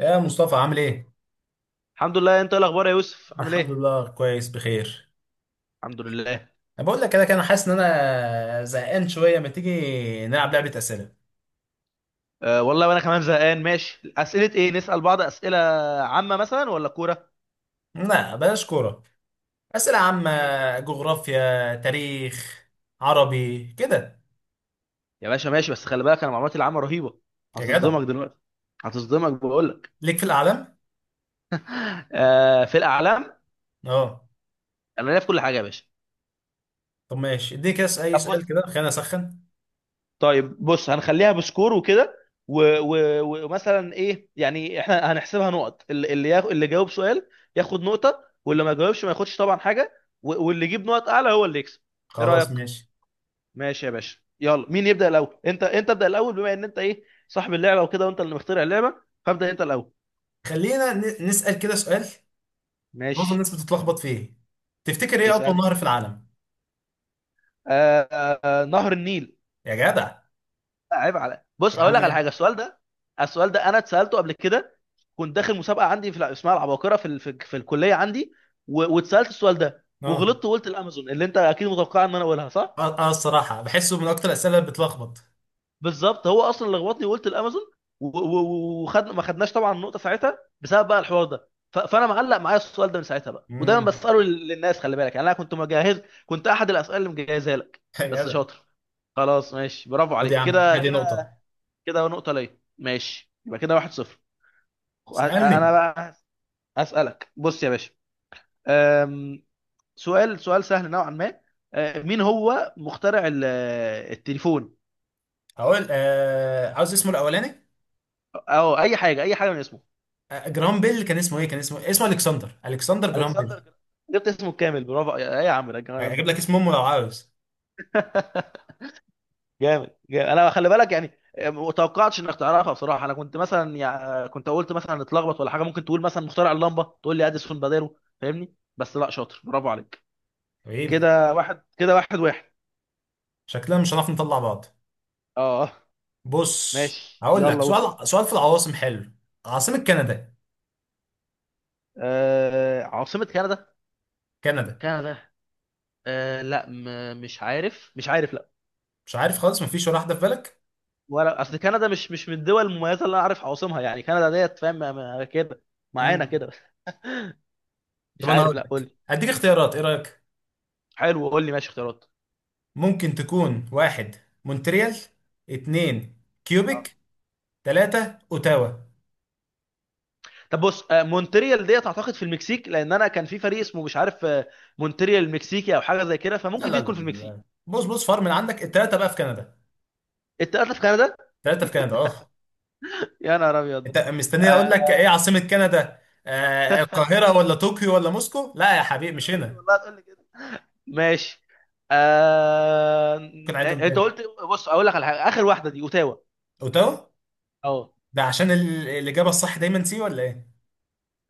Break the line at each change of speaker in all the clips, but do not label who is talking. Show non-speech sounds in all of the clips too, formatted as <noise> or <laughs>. يا مصطفى، عامل ايه؟
الحمد لله. انت ايه الاخبار يا يوسف؟ عامل
الحمد
ايه؟
لله، كويس بخير.
الحمد لله.
انا بقول لك كده كده، انا حاسس ان انا زهقان شويه. ما تيجي نلعب لعبه اسئله؟
أه والله، وانا كمان زهقان. ماشي، اسئله ايه نسال بعض؟ اسئله عامه مثلا ولا كوره؟
لا بلاش كوره، اسئله عامه.
ماشي
جغرافيا، تاريخ، عربي كده.
يا باشا، ماشي. بس خلي بالك انا معلوماتي العامه رهيبه،
يا جدع،
هتصدمك دلوقتي، هتصدمك بقول لك.
ليك في الاعلام.
أه في الاعلام،
اه.
انا ليا في كل حاجه يا باشا.
طب ماشي، اديني كده اي
طب
سؤال
بص،
كده، خلينا اسخن.
طيب بص، هنخليها بسكور وكده. و- و- ومثلا ايه يعني، احنا هنحسبها نقط، اللي جاوب سؤال ياخد نقطه، واللي ما جاوبش ما ياخدش طبعا حاجه، واللي يجيب نقط اعلى هو اللي يكسب. ايه
خلاص
رايك؟
ماشي.
ماشي يا باشا، يلا مين يبدأ الأول؟ انت ابدأ الأول، بما ان انت ايه صاحب اللعبة وكده، وانت اللي مخترع اللعبة، فابدأ انت الأول.
خلينا نسال كده سؤال معظم
ماشي،
الناس بتتلخبط فيه. تفتكر ايه اطول
اسألني.
نهر في العالم؟
آه آه، نهر النيل.
يا جدع.
لا، عيب على، بص
يا
اقول
عم.
لك على حاجة. السؤال ده، السؤال ده انا اتسألته قبل كده. كنت داخل مسابقة عندي اسمها العباقرة في الكلية عندي، واتسألت السؤال ده
اه
وغلطت وقلت الامازون، اللي انت اكيد متوقع ان انا اقولها صح.
اه، الصراحه بحسه من اكتر الاسئله اللي بتلخبط.
بالظبط، هو اصلا اللي لخبطني وقلت الامازون، وخد، ما خدناش طبعا النقطه ساعتها بسبب بقى الحوار ده، فانا معلق معايا السؤال ده من ساعتها بقى، ودايما
امم
بساله للناس. خلي بالك يعني، انا كنت مجهز، كنت احد الاسئله اللي مجهزها لك.
<laughs> يا
بس
جدع.
شاطر، خلاص ماشي، برافو
خد يا
عليك
عم،
كده
ادي
كده.
نقطة.
كده نقطه ليا، ماشي، يبقى كده واحد صفر. انا
اسألني.
بقى. اسالك بص يا باشا، أم، سؤال، سؤال سهل نوعا ما. مين هو مخترع التليفون؟
هقول عاوز اسمه الأولاني.
او اي حاجه، اي حاجه من اسمه.
جرام بيل، كان اسمه ايه؟ كان اسمه، اسمه الكسندر. الكسندر جرام
الكسندر
بيل.
جبت اسمه الكامل، برافو يا، ايه يا عم ده الجمال
اجيب لك
ده؟
اسم امه لو عاوز؟
<laughs> جامد، جامد، انا خلي بالك يعني ما توقعتش انك تعرفها بصراحه. انا كنت مثلا يعني، كنت قلت مثلا اتلخبط ولا حاجه، ممكن تقول مثلا مخترع اللمبه تقول لي اديسون باديرو، فاهمني؟ بس لا، شاطر، برافو عليك.
حبيبي،
كده واحد، كده واحد واحد.
شكلنا مش هنعرف نطلع بعض.
اه
بص،
ماشي،
هقول لك
يلا وصل.
سؤال، سؤال في العواصم حلو. عاصمة كندا؟
آه، عاصمه كندا،
كندا.
كندا، لا، مش عارف، مش عارف، لا.
مش عارف خالص؟ مفيش ولا واحدة في بالك؟
ولا اصل كندا مش من الدول المميزه اللي انا عارف عواصمها يعني. كندا ديت فاهم، كده، معانا
امم
كده. <laughs>
طب
مش
انا هقول
عارف، لا قول
لك،
لي.
هديك اختيارات، ايه رأيك؟
حلو، قول لي، ماشي، اختيارات.
ممكن تكون واحد، مونتريال. اتنين،
اه،
كيوبيك. تلاتة، اوتاوا.
طب بص، مونتريال ديت اعتقد في المكسيك، لان انا كان في فريق اسمه مش عارف، مونتريال المكسيكي او حاجه زي كده،
لا
فممكن
لا
دي
لا
تكون في المكسيك.
لا. بص بص، فار من عندك التلاتة بقى في كندا.
التلاته في كندا؟
التلاتة في كندا، اه.
يا نهار ابيض.
انت مستني اقول لك ايه
آه،
عاصمة كندا؟ القاهرة ولا طوكيو ولا موسكو؟ لا يا حبيبي،
انا
مش
قلت
هنا.
والله هتقول لي كده. ماشي. آه...
ممكن اعيدهم
انت
تاني؟
قلت، بص اقول لك على حاجه، اخر واحده دي اوتاوا.
اوتاوا.
اه،
ده عشان الإجابة الصح دايما سي ولا ايه؟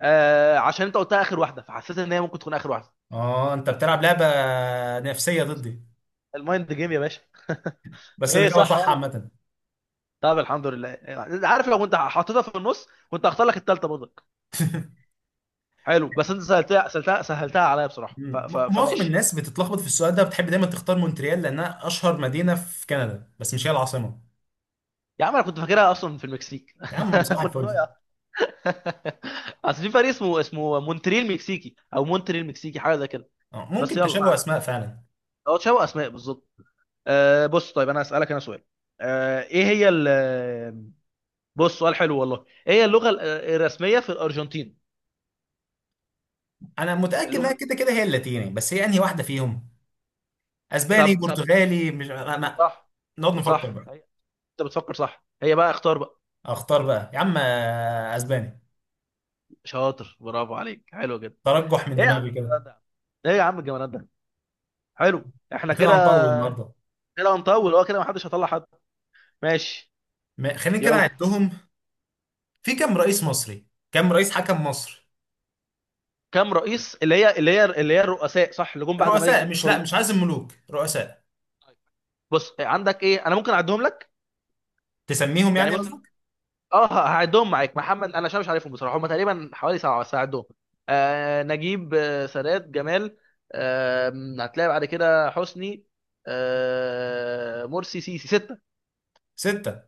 عشان انت قلتها اخر واحده، فحسيت ان هي ممكن تكون اخر واحده.
اه انت بتلعب لعبة نفسية ضدي.
المايند جيم يا باشا.
بس
ايه،
الإجابة
صح
صح
ولا؟
عامة.
طب الحمد لله. عارف لو كنت حطيتها في النص، كنت هختار لك التالتة برضه. حلو، بس انت سهلتها عليا بصراحه،
مم. معظم
فماشي.
الناس بتتلخبط في السؤال ده، بتحب دايما تختار مونتريال لأنها أشهر مدينة في كندا، بس مش هي العاصمة.
يا عم انا كنت فاكرها اصلا في المكسيك.
يا عم، صباح
<laughs> كنت
الفل.
ضايع. <laughs> اصل في فريق اسمه مونتريال مكسيكي، او مونتريال مكسيكي حاجه زي كده. بس
ممكن
يلا، ما
تشابه
علينا.
أسماء فعلا.
هو تشابه اسماء بالظبط. آه بص، طيب انا اسالك انا سؤال. آه ايه هي ال... بص، سؤال حلو والله، ايه هي اللغه الرسميه في الارجنتين؟
انا متاكد
اللغه
انها
ال-
كده كده هي اللاتيني، بس هي انهي واحده فيهم؟ اسباني،
طب طب،
برتغالي، مش انا.
صح،
نقعد نفكر
صح
بقى.
هي. انت بتفكر، صح، هي بقى، اختار بقى.
اختار بقى يا عم، اسباني.
شاطر، برافو عليك، حلو جدا.
ترجح من
ايه يا عم
دماغي كده.
الجمدان ده يا عم؟ ايه يا عم الجمدان ده؟ حلو احنا
كده
كده،
هنطول النهارده.
كده هنطول، اه كده محدش هيطلع حد. ماشي،
خلينا كده
يلا.
نعدهم. في كام رئيس مصري؟ كام رئيس حكم مصر؟
كم رئيس؟ اللي هي الرؤساء صح؟ اللي جم بعد الملك
رؤساء، مش، لا،
فاروق؟
مش عايز الملوك، رؤساء.
بص عندك ايه، انا ممكن اعدهم لك.
تسميهم
يعني
يعني
مثلا،
قصدك.
اه هعدهم معاك محمد، انا عشان مش عارفهم بصراحه، هم تقريبا حوالي سبعه بس هعدهم. آه نجيب، آه سادات، جمال، آه هتلاقي بعد كده حسني، آه مرسي، سيسي، سته.
ستة.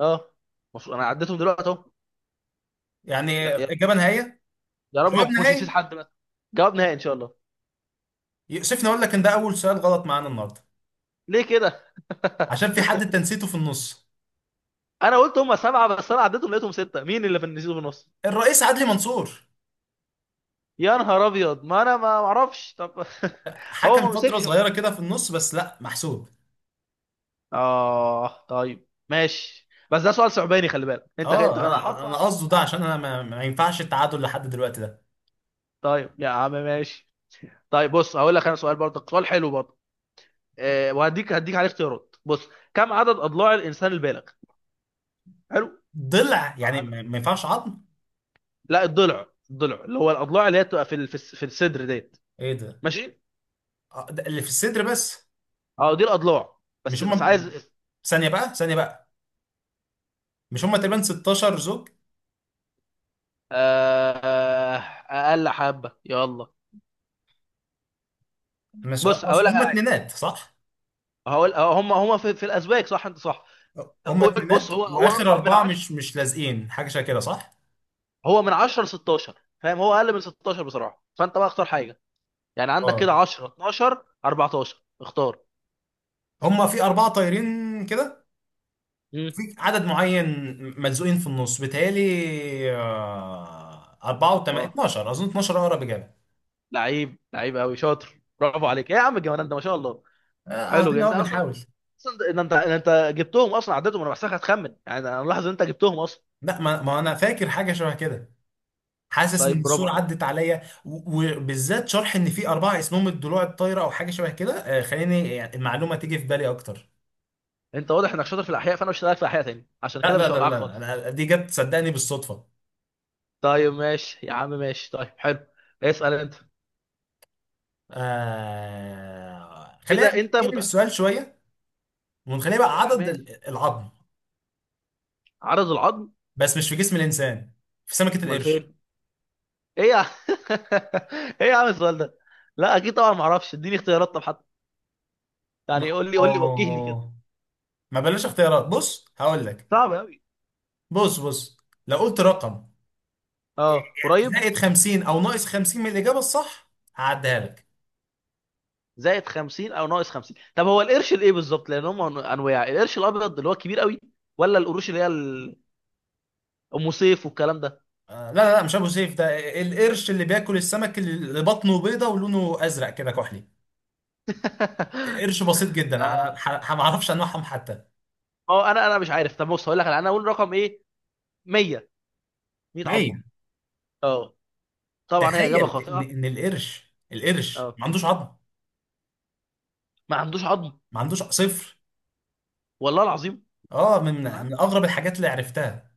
اه، المفروض انا عديتهم دلوقتي اهو.
يعني
يا يا-
إجابة نهائية؟
يا رب ما
جواب
اكونش نسيت
نهائي.
حد بس. جواب نهائي ان شاء الله.
يؤسفني أقول لك إن ده أول سؤال غلط معانا النهاردة.
ليه كده؟ <laughs>
عشان في حد أنت نسيته في النص.
انا قلت هم سبعه، بس انا عديتهم لقيتهم سته. مين اللي في النسيت في النص؟
الرئيس عدلي منصور.
يا نهار ابيض، ما انا ما اعرفش طب. <laughs> هو
حكم
ما
فترة
مسكش
صغيرة
يعتبر.
كده في النص، بس لا، محسوب.
اه طيب ماشي، بس ده سؤال صعباني، خلي بالك انت
اه،
انا
انا
حاطه
انا
عشان
قصده ده
تعدي.
عشان انا ما ينفعش التعادل لحد دلوقتي ده.
طيب يا عم ماشي. طيب بص، هقول لك انا سؤال برضك، سؤال حلو برضه. أه، وهديك، هديك عليه اختيارات. بص، كم عدد اضلاع الانسان البالغ؟ حلو،
ضلع يعني،
عدد.
ما ينفعش عظم.
لا، الضلع، الضلع اللي هو الاضلاع اللي هي بتبقى في ال- في الس- في الصدر ديت.
ايه ده؟
ماشي.
ده اللي في الصدر بس.
اه دي الاضلاع،
مش
بس بس
هم.
عايز.
ثانية بقى، ثانية بقى. مش هم تقريبا 16 زوج؟
آه، اقل حبه يلا.
مش،
بص هقول
اصل
لك
هم
على حاجه،
اتنينات صح؟
هقول هم، في الازواج صح، انت صح.
هم
قول بص،
اتنينات
هو هو
واخر
رقم من
اربعة
10.
مش لازقين، حاجة شبه كده صح؟
هو من 10 ل 16 فاهم، هو اقل من 16 بصراحه، فانت بقى اختار حاجه. يعني عندك
اه
كده 10، 12، 14، اختار.
هم في اربعة طايرين كده. في
امم،
عدد معين ملزوقين في النص بيتهيألي. أربعة وتمانية
اه.
12، أظن 12 أقرب إجابة.
لعيب، لعيب قوي، شاطر، برافو عليك، إيه يا عم الجمال ده، ما شاء الله. حلو جدا.
قاعدين أهو
انت اصلا،
بنحاول.
اصلا ده- ده انت ده انت جبتهم اصلا، عدتهم. انا بحسك هتخمن يعني، انا ملاحظ ان انت جبتهم اصلا.
لا ما أنا فاكر حاجة شبه كده. حاسس
طيب
إن
برافو
الصورة
عليك.
عدت عليا وبالذات شرح إن في أربعة اسمهم الضلوع الطايرة أو حاجة شبه كده. خليني يعني المعلومة تيجي في بالي أكتر.
انت واضح انك شاطر في الاحياء، فانا مش هسالك في الاحياء تاني عشان
لا
كده،
لا
مش
لا لا
هوقعك
لا،
خالص.
أنا دي جت صدقني بالصدفة.
طيب ماشي يا عم، ماشي، طيب حلو. اسال انت.
خلينا
كده انت
نقلب
مت...
السؤال شوية، ونخليه بقى
يا
عدد
ماشي،
العظم.
عدد العظم.
بس مش في جسم الإنسان، في سمكة
امال
القرش.
فين؟ ايه يا <laughs> ايه يا عم السؤال ده؟ لا اكيد طبعا ما اعرفش، اديني اختيارات طب حتى.
ما
يعني قول لي، قول لي، وجهني كده.
أوه. ما بلاش اختيارات، بص هقول لك.
صعب قوي.
بص بص، لو قلت رقم
اه
يعني
قريب.
زائد 50 او ناقص 50 من الاجابه الصح هعديها لك.
زائد 50 او ناقص 50، طب هو القرش الايه بالظبط؟ لان هم انواع، القرش الابيض اللي هو كبير قوي، ولا القروش اللي هي ام سيف والكلام ده.
لا لا لا، مش ابو سيف ده. القرش اللي بياكل السمك، اللي بطنه بيضه ولونه ازرق كده كحلي.
<laughs>
قرش بسيط جدا، انا
آه،
ما اعرفش انواعهم حتى.
ما هو انا، انا مش عارف طب. بص هقول لك على، انا اقول رقم ايه؟ 100، 100
100.
عظمه. اه، طبعا هي اجابه
تخيل ان
خاطئه.
القرش
اه،
ما عندوش عظم.
ما عندوش عظم.
ما عندوش، صفر.
والله العظيم.
اه، من
امال
من
عنده ايه؟
اغرب الحاجات اللي عرفتها.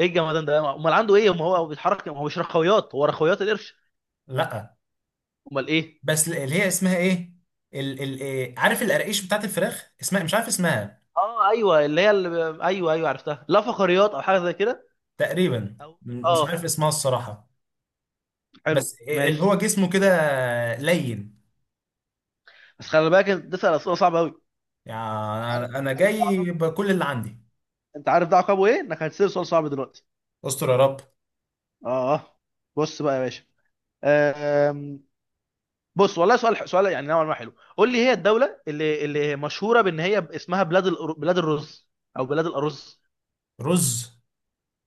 ايه الجمدان ده، امال عنده ايه؟ ما هو بيتحرك، ما هو مش رخويات، هو رخويات القرش؟
لا،
امال ايه؟
بس اللي هي اسمها ايه؟ ال إيه؟ عارف القراقيش بتاعت الفراخ، اسمها مش عارف اسمها.
اه ايوه، ايوه ايوه عرفتها، لا فقريات او حاجه زي كده.
تقريبا،
أو...
مش عارف
اه،
اسمها الصراحة.
حلو
بس إيه اللي هو
ماشي.
جسمه كده، لين.
بس خلي بالك، انت تسال اسئله صعبه قوي.
يعني
عارف،
انا
عارف، ده
جاي
عقاب.
بكل اللي عندي.
انت عارف ده عقابه ايه؟ انك هتسال سؤال صعب دلوقتي.
استر يا رب.
اه بص بقى يا باشا. بص والله سؤال، سؤال يعني نوعا ما حلو، قول لي. هي الدوله اللي مشهوره بان هي اسمها بلاد بلاد الرز، او بلاد الارز.
رز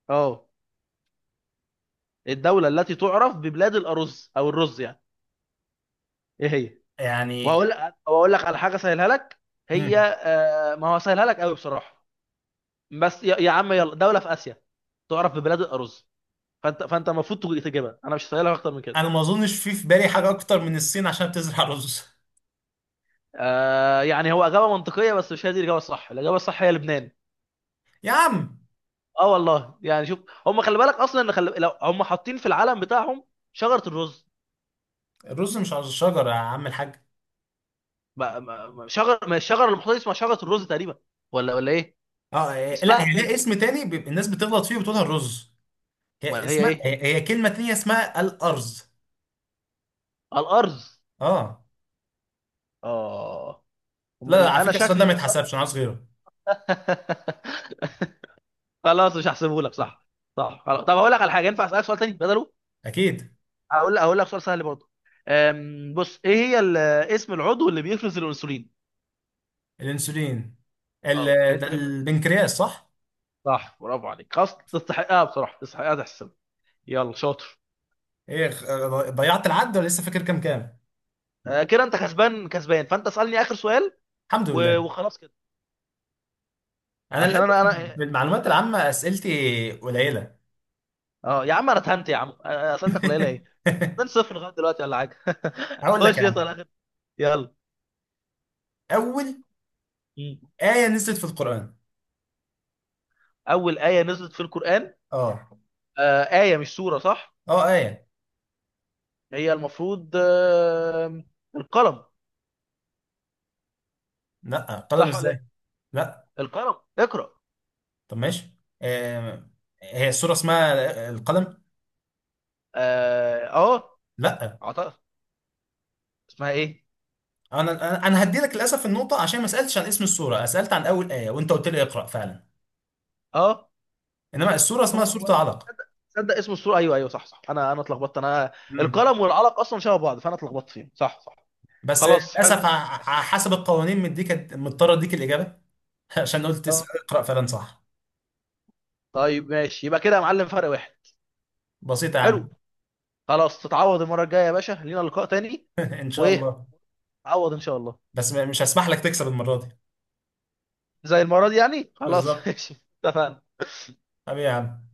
اه، الدوله التي تعرف ببلاد الارز، او الرز يعني، ايه هي؟
يعني.
وهقول، واقول لك على حاجه سهلها لك. هي
مم.
ما هو سهلها لك قوي بصراحه. بس يا عم، يلا، دوله في اسيا، تعرف ببلاد الارز، فانت، فانت المفروض تجيبها، انا مش سهلها اكتر من كده.
انا ما اظنش في بالي حاجة اكتر من الصين عشان بتزرع رز.
آه، يعني هو اجابه منطقيه، بس مش هي دي الاجابه الصح. الاجابه الصح هي لبنان.
يا عم،
اه والله، يعني شوف، هم خلي بالك اصلا ان لو هم حاطين في العلم بتاعهم شجره الرز.
الرز مش على الشجرة يا عم الحاج.
ما... ما... ما- شجر ما الشجره اللي محطوطه اسمها شجره الرز تقريبا، ولا ولا ايه؟
اه إيه، لا هي
اسمها
لها
كده.
اسم تاني، بيبقى الناس بتغلط فيه وبتقولها الرز. هي
امال هي
اسمها،
ايه؟
هي كلمة تانية اسمها الأرز.
الارز.
اه.
اه. هم
لا لا،
يبقى
على
انا
فكره السؤال ده
شكلي
ما
كده اصلا.
يتحسبش، انا عاوز غيره.
<laughs> خلاص، مش هحسبه لك، صح صح، خلاص. طب هقول لك على حاجه، ينفع اسالك سؤال تاني بدله؟
اكيد.
هقول، هقول لك سؤال سهل برضه. بص، ايه هي اسم العضو اللي بيفرز الانسولين؟
الانسولين. ال...
اه انت
ده
يبقى،
البنكرياس صح؟
صح، برافو عليك، خلاص تستحقها بصراحه، تستحقها تحسب. يلا شاطر.
ايه ضيعت العد ولا لسه فاكر كام
آه، كده انت كسبان، كسبان، فانت اسالني اخر سؤال،
الحمد لله.
وخلاص كده.
انا
عشان
للاسف
انا انا،
بالمعلومات العامه اسئلتي قليله.
اه يا عم انا اتهنت يا عم. اسئلتك قليله ايه؟
<laughs>
2 0 لغايه دلوقتي ولا حاجه. <laughs>
هقول لك
خش
يا عم.
اسال اخر. يلا.
اول
مم.
ايه نزلت في القران؟
اول ايه نزلت في القران؟
اه.
آه، ايه مش سوره صح؟
اه ايه،
هي المفروض آه، القلم.
لا قلم
صح ولا
ازاي؟
ايه؟
لا
القلم، اقرا.
طب ماشي، آه. هي السوره اسمها القلم؟
اه،
لا.
اعتقد. اسمها ايه؟
انا هدي لك للاسف النقطه عشان ما سالتش عن اسم السوره، سالت عن اول ايه وانت قلت لي اقرا فعلا.
اه،
انما الصوره اسمها
هو
صوره
هو،
علق.
تصدق، تصدق اسم السورة، ايوه ايوه، صح صح، انا اتلخبطت انا.
امم
القلم والعلق اصلا شبه بعض، فانا اتلخبطت فيهم، صح صح.
بس
خلاص
للاسف
حلو.
حسب القوانين مديك، مضطر اديك الاجابه. <laughs> عشان قلت تسال
اه
اقرا فلان صح.
طيب ماشي، يبقى كده يا معلم فرق واحد.
بسيطه يا
حلو.
عم.
خلاص تتعوض المرة الجاية يا باشا، لينا لقاء تاني.
<laughs> ان شاء
وايه،
الله.
تعوض ان شاء الله.
بس مش هسمح لك تكسب المره دي.
زي المرة دي يعني، خلاص <laughs>
بالظبط.
ماشي. اتفقنا.
حبيبي يا عم.